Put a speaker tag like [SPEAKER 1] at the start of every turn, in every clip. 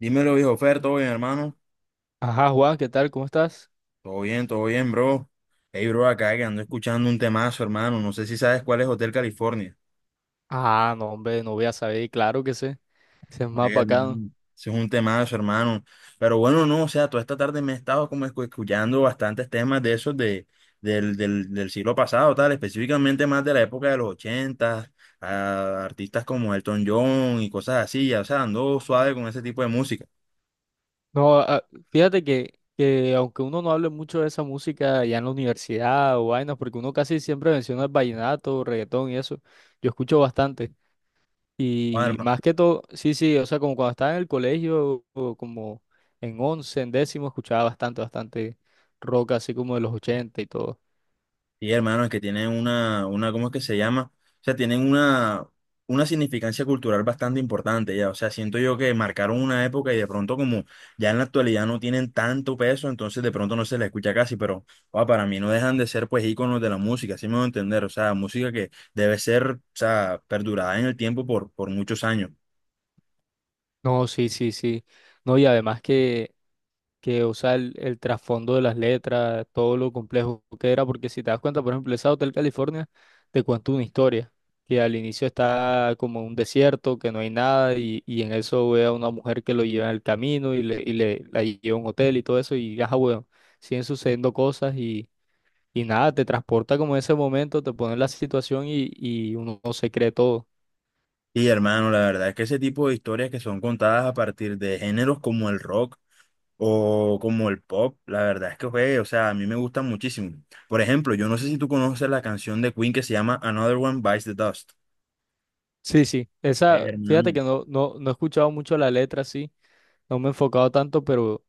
[SPEAKER 1] Dímelo, viejo Fer, ¿todo bien, hermano?
[SPEAKER 2] Ajá, Juan, ¿qué tal? ¿Cómo estás?
[SPEAKER 1] Todo bien, bro. Hey, bro, acá que ando escuchando un temazo, hermano. No sé si sabes cuál es Hotel California.
[SPEAKER 2] Ah, no, hombre, no voy a saber, claro que sé, ese es más
[SPEAKER 1] Ey,
[SPEAKER 2] bacano.
[SPEAKER 1] hermano, ese es un temazo, hermano. Pero bueno, no, o sea, toda esta tarde me he estado como escuchando bastantes temas de esos del siglo pasado, tal, específicamente más de la época de los ochentas, a artistas como Elton John y cosas así, ya, o sea, ando suave con ese tipo de música.
[SPEAKER 2] No, ah, fíjate que aunque uno no hable mucho de esa música ya en la universidad o vainas, porque uno casi siempre menciona el vallenato, reggaetón y eso, yo escucho bastante. Y más que todo, sí, sí, o sea, como cuando estaba en el colegio, o como en once, en décimo, escuchaba bastante, bastante rock, así como de los ochenta y todo.
[SPEAKER 1] Sí, hermano, es que tienen una, ¿cómo es que se llama? O sea, tienen una significancia cultural bastante importante ya. O sea, siento yo que marcaron una época y de pronto como ya en la actualidad no tienen tanto peso, entonces de pronto no se les escucha casi, pero para mí no dejan de ser pues íconos de la música, así me voy a entender. O sea, música que debe ser, o sea, perdurada en el tiempo por muchos años.
[SPEAKER 2] No, sí, sí, sí. No, y además que, o sea, el trasfondo de las letras, todo lo complejo que era, porque si te das cuenta, por ejemplo, esa Hotel California te cuenta una historia, que al inicio está como un desierto, que no hay nada, y en eso ve a una mujer que lo lleva en el camino y le, la lleva a un hotel y todo eso, y ajá, bueno, siguen sucediendo cosas y nada, te transporta como en ese momento, te pone en la situación y uno no se cree todo.
[SPEAKER 1] Sí, hermano, la verdad es que ese tipo de historias que son contadas a partir de géneros como el rock o como el pop, la verdad es que, güey, o sea, a mí me gustan muchísimo. Por ejemplo, yo no sé si tú conoces la canción de Queen que se llama Another One Bites the Dust.
[SPEAKER 2] Sí, sí, esa, fíjate
[SPEAKER 1] Hermano.
[SPEAKER 2] que no, no, no he escuchado mucho la letra, sí, no me he enfocado tanto, pero...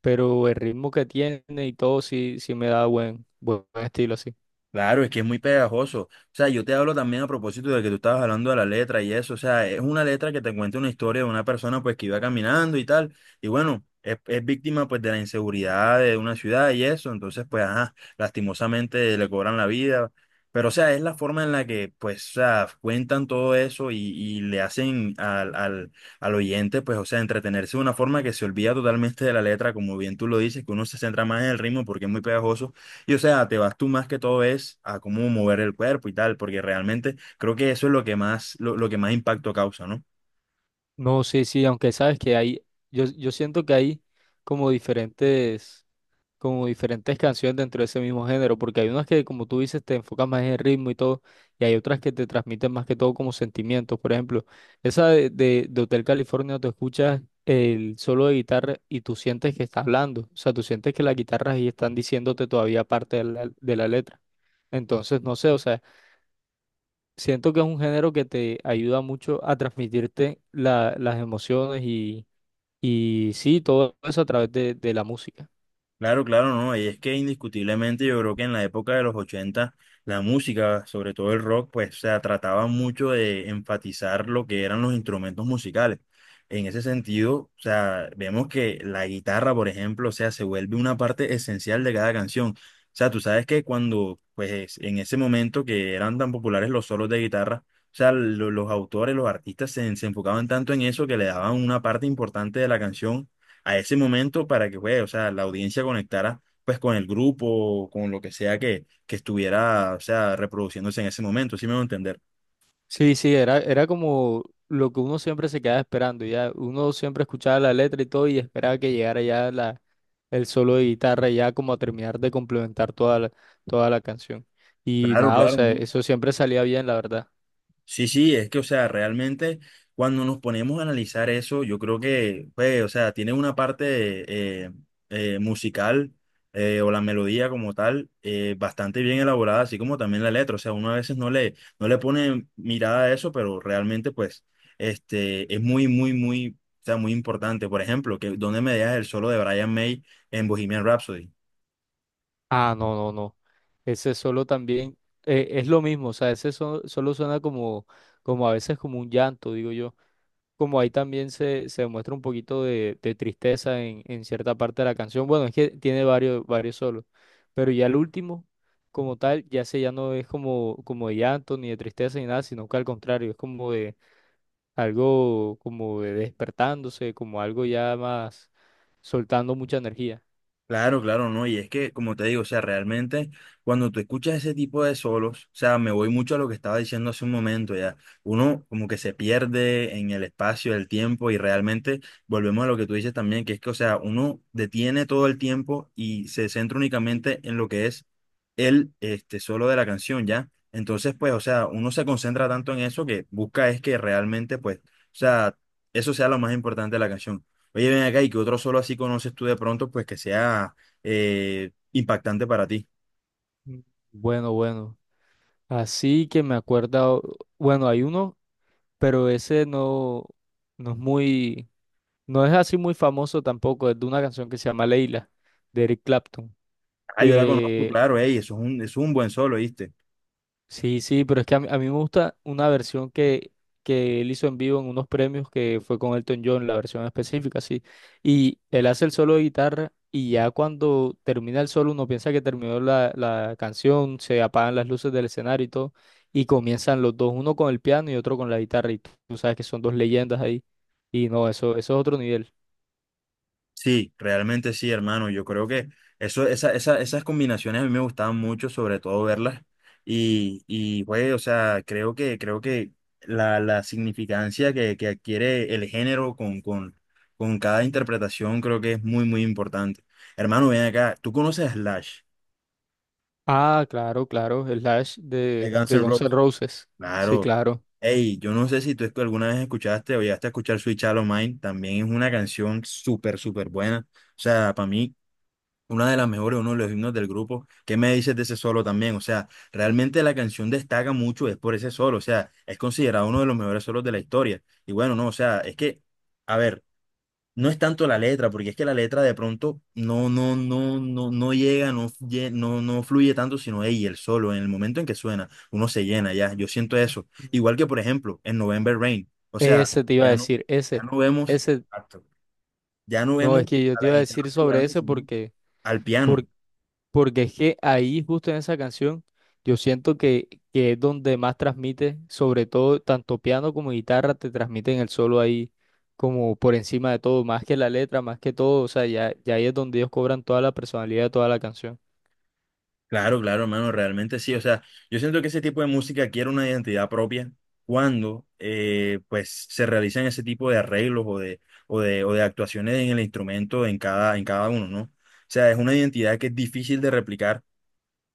[SPEAKER 2] pero el ritmo que tiene y todo sí, sí me da buen, buen estilo así.
[SPEAKER 1] Claro, es que es muy pegajoso. O sea, yo te hablo también a propósito de que tú estabas hablando de la letra y eso. O sea, es una letra que te cuenta una historia de una persona pues que iba caminando y tal. Y bueno, es víctima pues de la inseguridad de una ciudad y eso. Entonces, pues, ajá, lastimosamente le cobran la vida. Pero, o sea, es la forma en la que pues, o sea, cuentan todo eso y le hacen al oyente pues, o sea, entretenerse de una forma que se olvida totalmente de la letra, como bien tú lo dices, que uno se centra más en el ritmo porque es muy pegajoso y o sea, te vas tú más que todo es a cómo mover el cuerpo y tal, porque realmente creo que eso es lo que más, lo que más impacto causa, ¿no?
[SPEAKER 2] No, sí, sí, aunque sabes que hay, yo siento que hay como diferentes, como diferentes canciones dentro de ese mismo género, porque hay unas que, como tú dices, te enfocas más en el ritmo y todo, y hay otras que te transmiten más que todo como sentimientos. Por ejemplo, esa de Hotel California, tú escuchas el solo de guitarra y tú sientes que está hablando, o sea, tú sientes que las guitarras ahí están diciéndote todavía parte de la letra. Entonces, no sé, o sea, siento que es un género que te ayuda mucho a transmitirte las emociones y sí, todo eso a través de la música.
[SPEAKER 1] Claro, claro, no. Y es que indiscutiblemente yo creo que en la época de los 80 la música, sobre todo el rock, pues o sea, trataba mucho de enfatizar lo que eran los instrumentos musicales. En ese sentido, o sea, vemos que la guitarra, por ejemplo, o sea, se vuelve una parte esencial de cada canción. O sea, tú sabes que cuando, pues en ese momento que eran tan populares los solos de guitarra, o sea, los autores, los artistas se enfocaban tanto en eso que le daban una parte importante de la canción a ese momento para que, güey, o sea, la audiencia conectara pues con el grupo, con lo que sea que estuviera, o sea, reproduciéndose en ese momento, ¿sí me voy a entender?
[SPEAKER 2] Sí, sí, era como lo que uno siempre se quedaba esperando, ya uno siempre escuchaba la letra y todo y esperaba que llegara ya el solo de guitarra ya como a terminar de complementar toda la canción. Y
[SPEAKER 1] Claro,
[SPEAKER 2] nada, o
[SPEAKER 1] claro.
[SPEAKER 2] sea, eso siempre salía bien, la verdad.
[SPEAKER 1] Sí, sí, es que, o sea, realmente cuando nos ponemos a analizar eso, yo creo que, pues, o sea, tiene una parte musical, o la melodía como tal, bastante bien elaborada, así como también la letra. O sea, uno a veces no le pone mirada a eso, pero realmente, pues, es muy, muy, muy, o sea, muy importante. Por ejemplo, que ¿dónde me dejas el solo de Brian May en Bohemian Rhapsody?
[SPEAKER 2] Ah, no, no, no. Ese solo también es lo mismo, o sea, ese solo suena como a veces como un llanto, digo yo. Como ahí también se muestra un poquito de tristeza en cierta parte de la canción. Bueno, es que tiene varios solos, pero ya el último, como tal, ya ese ya no es como de llanto ni de tristeza ni nada, sino que al contrario, es como de algo como de despertándose, como algo ya más soltando mucha energía.
[SPEAKER 1] Claro, claro, no, y es que, como te digo, o sea, realmente cuando tú escuchas ese tipo de solos, o sea, me voy mucho a lo que estaba diciendo hace un momento, ya, uno como que se pierde en el espacio, el tiempo, y realmente volvemos a lo que tú dices también, que es que, o sea, uno detiene todo el tiempo y se centra únicamente en lo que es el solo de la canción, ya. Entonces, pues, o sea, uno se concentra tanto en eso que busca es que realmente, pues, o sea, eso sea lo más importante de la canción. Oye, ven acá y que otro solo así conoces tú de pronto, pues que sea impactante para ti.
[SPEAKER 2] Mm. Bueno, bueno. Así que me acuerdo, bueno, hay uno, pero ese no, no es muy, no es así muy famoso tampoco, es de una canción que se llama Leila, de Eric Clapton.
[SPEAKER 1] Ah, yo la conozco, claro, ey, eso es un, buen solo, ¿viste?
[SPEAKER 2] Sí, sí, pero es que a mí, me gusta una versión que él hizo en vivo en unos premios que fue con Elton John, la versión específica, sí. Y él hace el solo de guitarra y ya cuando termina el solo uno piensa que terminó la canción, se apagan las luces del escenario y todo, y comienzan los dos, uno con el piano y otro con la guitarra, y tú sabes que son dos leyendas ahí. Y no, eso es otro nivel.
[SPEAKER 1] Sí, realmente sí, hermano. Yo creo que esas combinaciones a mí me gustaban mucho, sobre todo verlas. Y güey, o sea, creo que la significancia que adquiere el género con cada interpretación creo que es muy, muy importante. Hermano, ven acá, ¿tú conoces a Slash,
[SPEAKER 2] Ah, claro, claro, el Slash
[SPEAKER 1] de
[SPEAKER 2] de,
[SPEAKER 1] Guns
[SPEAKER 2] de
[SPEAKER 1] N'
[SPEAKER 2] Guns N'
[SPEAKER 1] Roses?
[SPEAKER 2] Roses. Sí,
[SPEAKER 1] Claro.
[SPEAKER 2] claro.
[SPEAKER 1] Hey, yo no sé si tú alguna vez escuchaste o llegaste a escuchar Sweet Child O' Mine, también es una canción súper, súper buena. O sea, para mí, una de las mejores, uno de los himnos del grupo. ¿Qué me dices de ese solo también? O sea, realmente la canción destaca mucho, es por ese solo, o sea, es considerado uno de los mejores solos de la historia. Y bueno, no, o sea, es que, a ver. No es tanto la letra, porque es que la letra de pronto no llega, no fluye tanto, sino ella, el solo, en el momento en que suena, uno se llena ya, yo siento eso. Igual que, por ejemplo, en November Rain, o sea,
[SPEAKER 2] Ese te iba a
[SPEAKER 1] ya no,
[SPEAKER 2] decir,
[SPEAKER 1] ya
[SPEAKER 2] ese,
[SPEAKER 1] no vemos,
[SPEAKER 2] ese.
[SPEAKER 1] exacto. Ya no
[SPEAKER 2] No,
[SPEAKER 1] vemos
[SPEAKER 2] es que yo
[SPEAKER 1] a
[SPEAKER 2] te
[SPEAKER 1] la
[SPEAKER 2] iba a
[SPEAKER 1] guitarra
[SPEAKER 2] decir sobre
[SPEAKER 1] figurando,
[SPEAKER 2] eso
[SPEAKER 1] sino al piano.
[SPEAKER 2] por- porque es que ahí, justo en esa canción, yo siento que es donde más transmite, sobre todo tanto piano como guitarra, te transmiten el solo ahí como por encima de todo, más que la letra, más que todo, o sea, ya ahí es donde ellos cobran toda la personalidad de toda la canción.
[SPEAKER 1] Claro, claro, hermano, realmente sí. O sea, yo siento que ese tipo de música adquiere una identidad propia cuando pues se realizan ese tipo de arreglos o de actuaciones en el instrumento en cada uno, ¿no? O sea, es una identidad que es difícil de replicar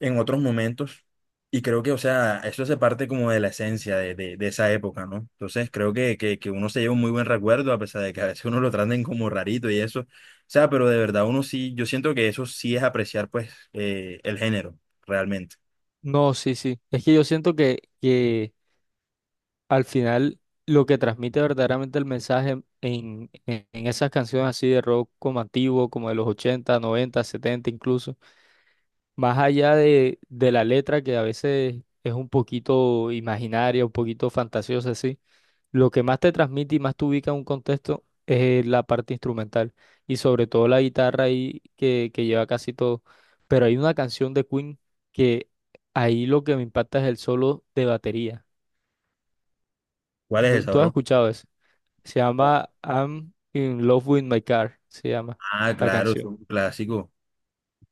[SPEAKER 1] en otros momentos. Y creo que, o sea, eso hace parte como de la esencia de esa época, ¿no? Entonces creo que uno se lleva un muy buen recuerdo, a pesar de que a veces uno lo traten como rarito y eso. O sea, pero de verdad uno sí, yo siento que eso sí es apreciar, pues, el género, realmente.
[SPEAKER 2] No, sí, sí, es que yo siento que al final lo que transmite verdaderamente el mensaje en, en esas canciones así de rock como antiguo, como de los 80 90 70 incluso, más allá de la letra que a veces es un poquito imaginaria, un poquito fantasiosa, así, lo que más te transmite y más te ubica en un contexto es la parte instrumental y sobre todo la guitarra ahí que lleva casi todo. Pero hay una canción de Queen que ahí lo que me impacta es el solo de batería.
[SPEAKER 1] ¿Cuál es esa,
[SPEAKER 2] ¿Tú has
[SPEAKER 1] bro?
[SPEAKER 2] escuchado eso? Se llama I'm in love with my car, se llama
[SPEAKER 1] Ah,
[SPEAKER 2] la
[SPEAKER 1] claro, es
[SPEAKER 2] canción.
[SPEAKER 1] un clásico.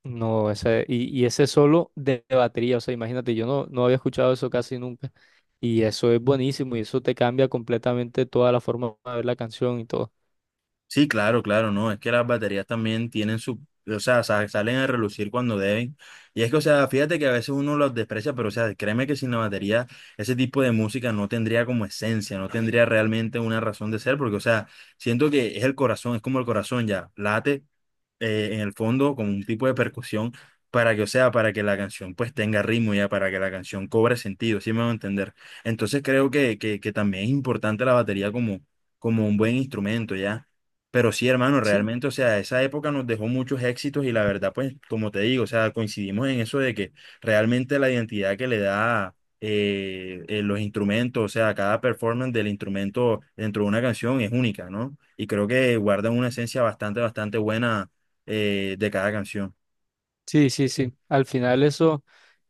[SPEAKER 2] No, ese, y ese solo de batería, o sea, imagínate, yo no, no había escuchado eso casi nunca. Y eso es buenísimo y eso te cambia completamente toda la forma de ver la canción y todo.
[SPEAKER 1] Sí, claro, claro, no, es que las baterías también tienen su, o sea, salen a relucir cuando deben. Y es que, o sea, fíjate que a veces uno los desprecia, pero, o sea, créeme que sin la batería ese tipo de música no tendría como esencia, no tendría realmente una razón de ser, porque, o sea, siento que es el corazón, es como el corazón ya, late en el fondo con un tipo de percusión para que, o sea, para que la canción pues tenga ritmo ya, para que la canción cobre sentido, ¿sí me van a entender? Entonces creo que también es importante la batería como, como un buen instrumento ya. Pero sí, hermano,
[SPEAKER 2] Sí,
[SPEAKER 1] realmente, o sea, esa época nos dejó muchos éxitos y la verdad, pues, como te digo, o sea, coincidimos en eso de que realmente la identidad que le da los instrumentos, o sea, cada performance del instrumento dentro de una canción es única, ¿no? Y creo que guardan una esencia bastante, bastante buena, de cada canción.
[SPEAKER 2] sí, sí, sí. Al final eso,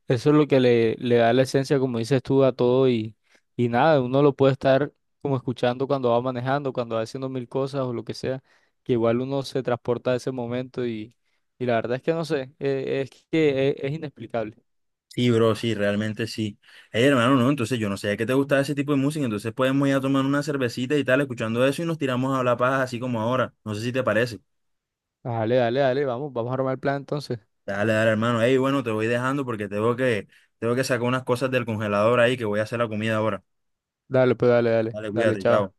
[SPEAKER 2] eso es lo que le da la esencia, como dices tú, a todo y nada, uno lo puede estar como escuchando cuando va manejando, cuando va haciendo mil cosas o lo que sea, que igual uno se transporta a ese momento y la verdad es que no sé, es que es inexplicable.
[SPEAKER 1] Sí, bro, sí, realmente sí. Hey, hermano, no, entonces yo no sé que te gustaba ese tipo de música, entonces podemos ir a tomar una cervecita y tal, escuchando eso y nos tiramos a hablar paja así como ahora. No sé si te parece.
[SPEAKER 2] Dale, dale, dale, vamos, vamos a armar el plan entonces.
[SPEAKER 1] Dale, dale, hermano. Ey, bueno, te voy dejando porque tengo que sacar unas cosas del congelador ahí que voy a hacer la comida ahora.
[SPEAKER 2] Dale, pues dale, dale,
[SPEAKER 1] Dale,
[SPEAKER 2] dale,
[SPEAKER 1] cuídate,
[SPEAKER 2] chao.
[SPEAKER 1] chao.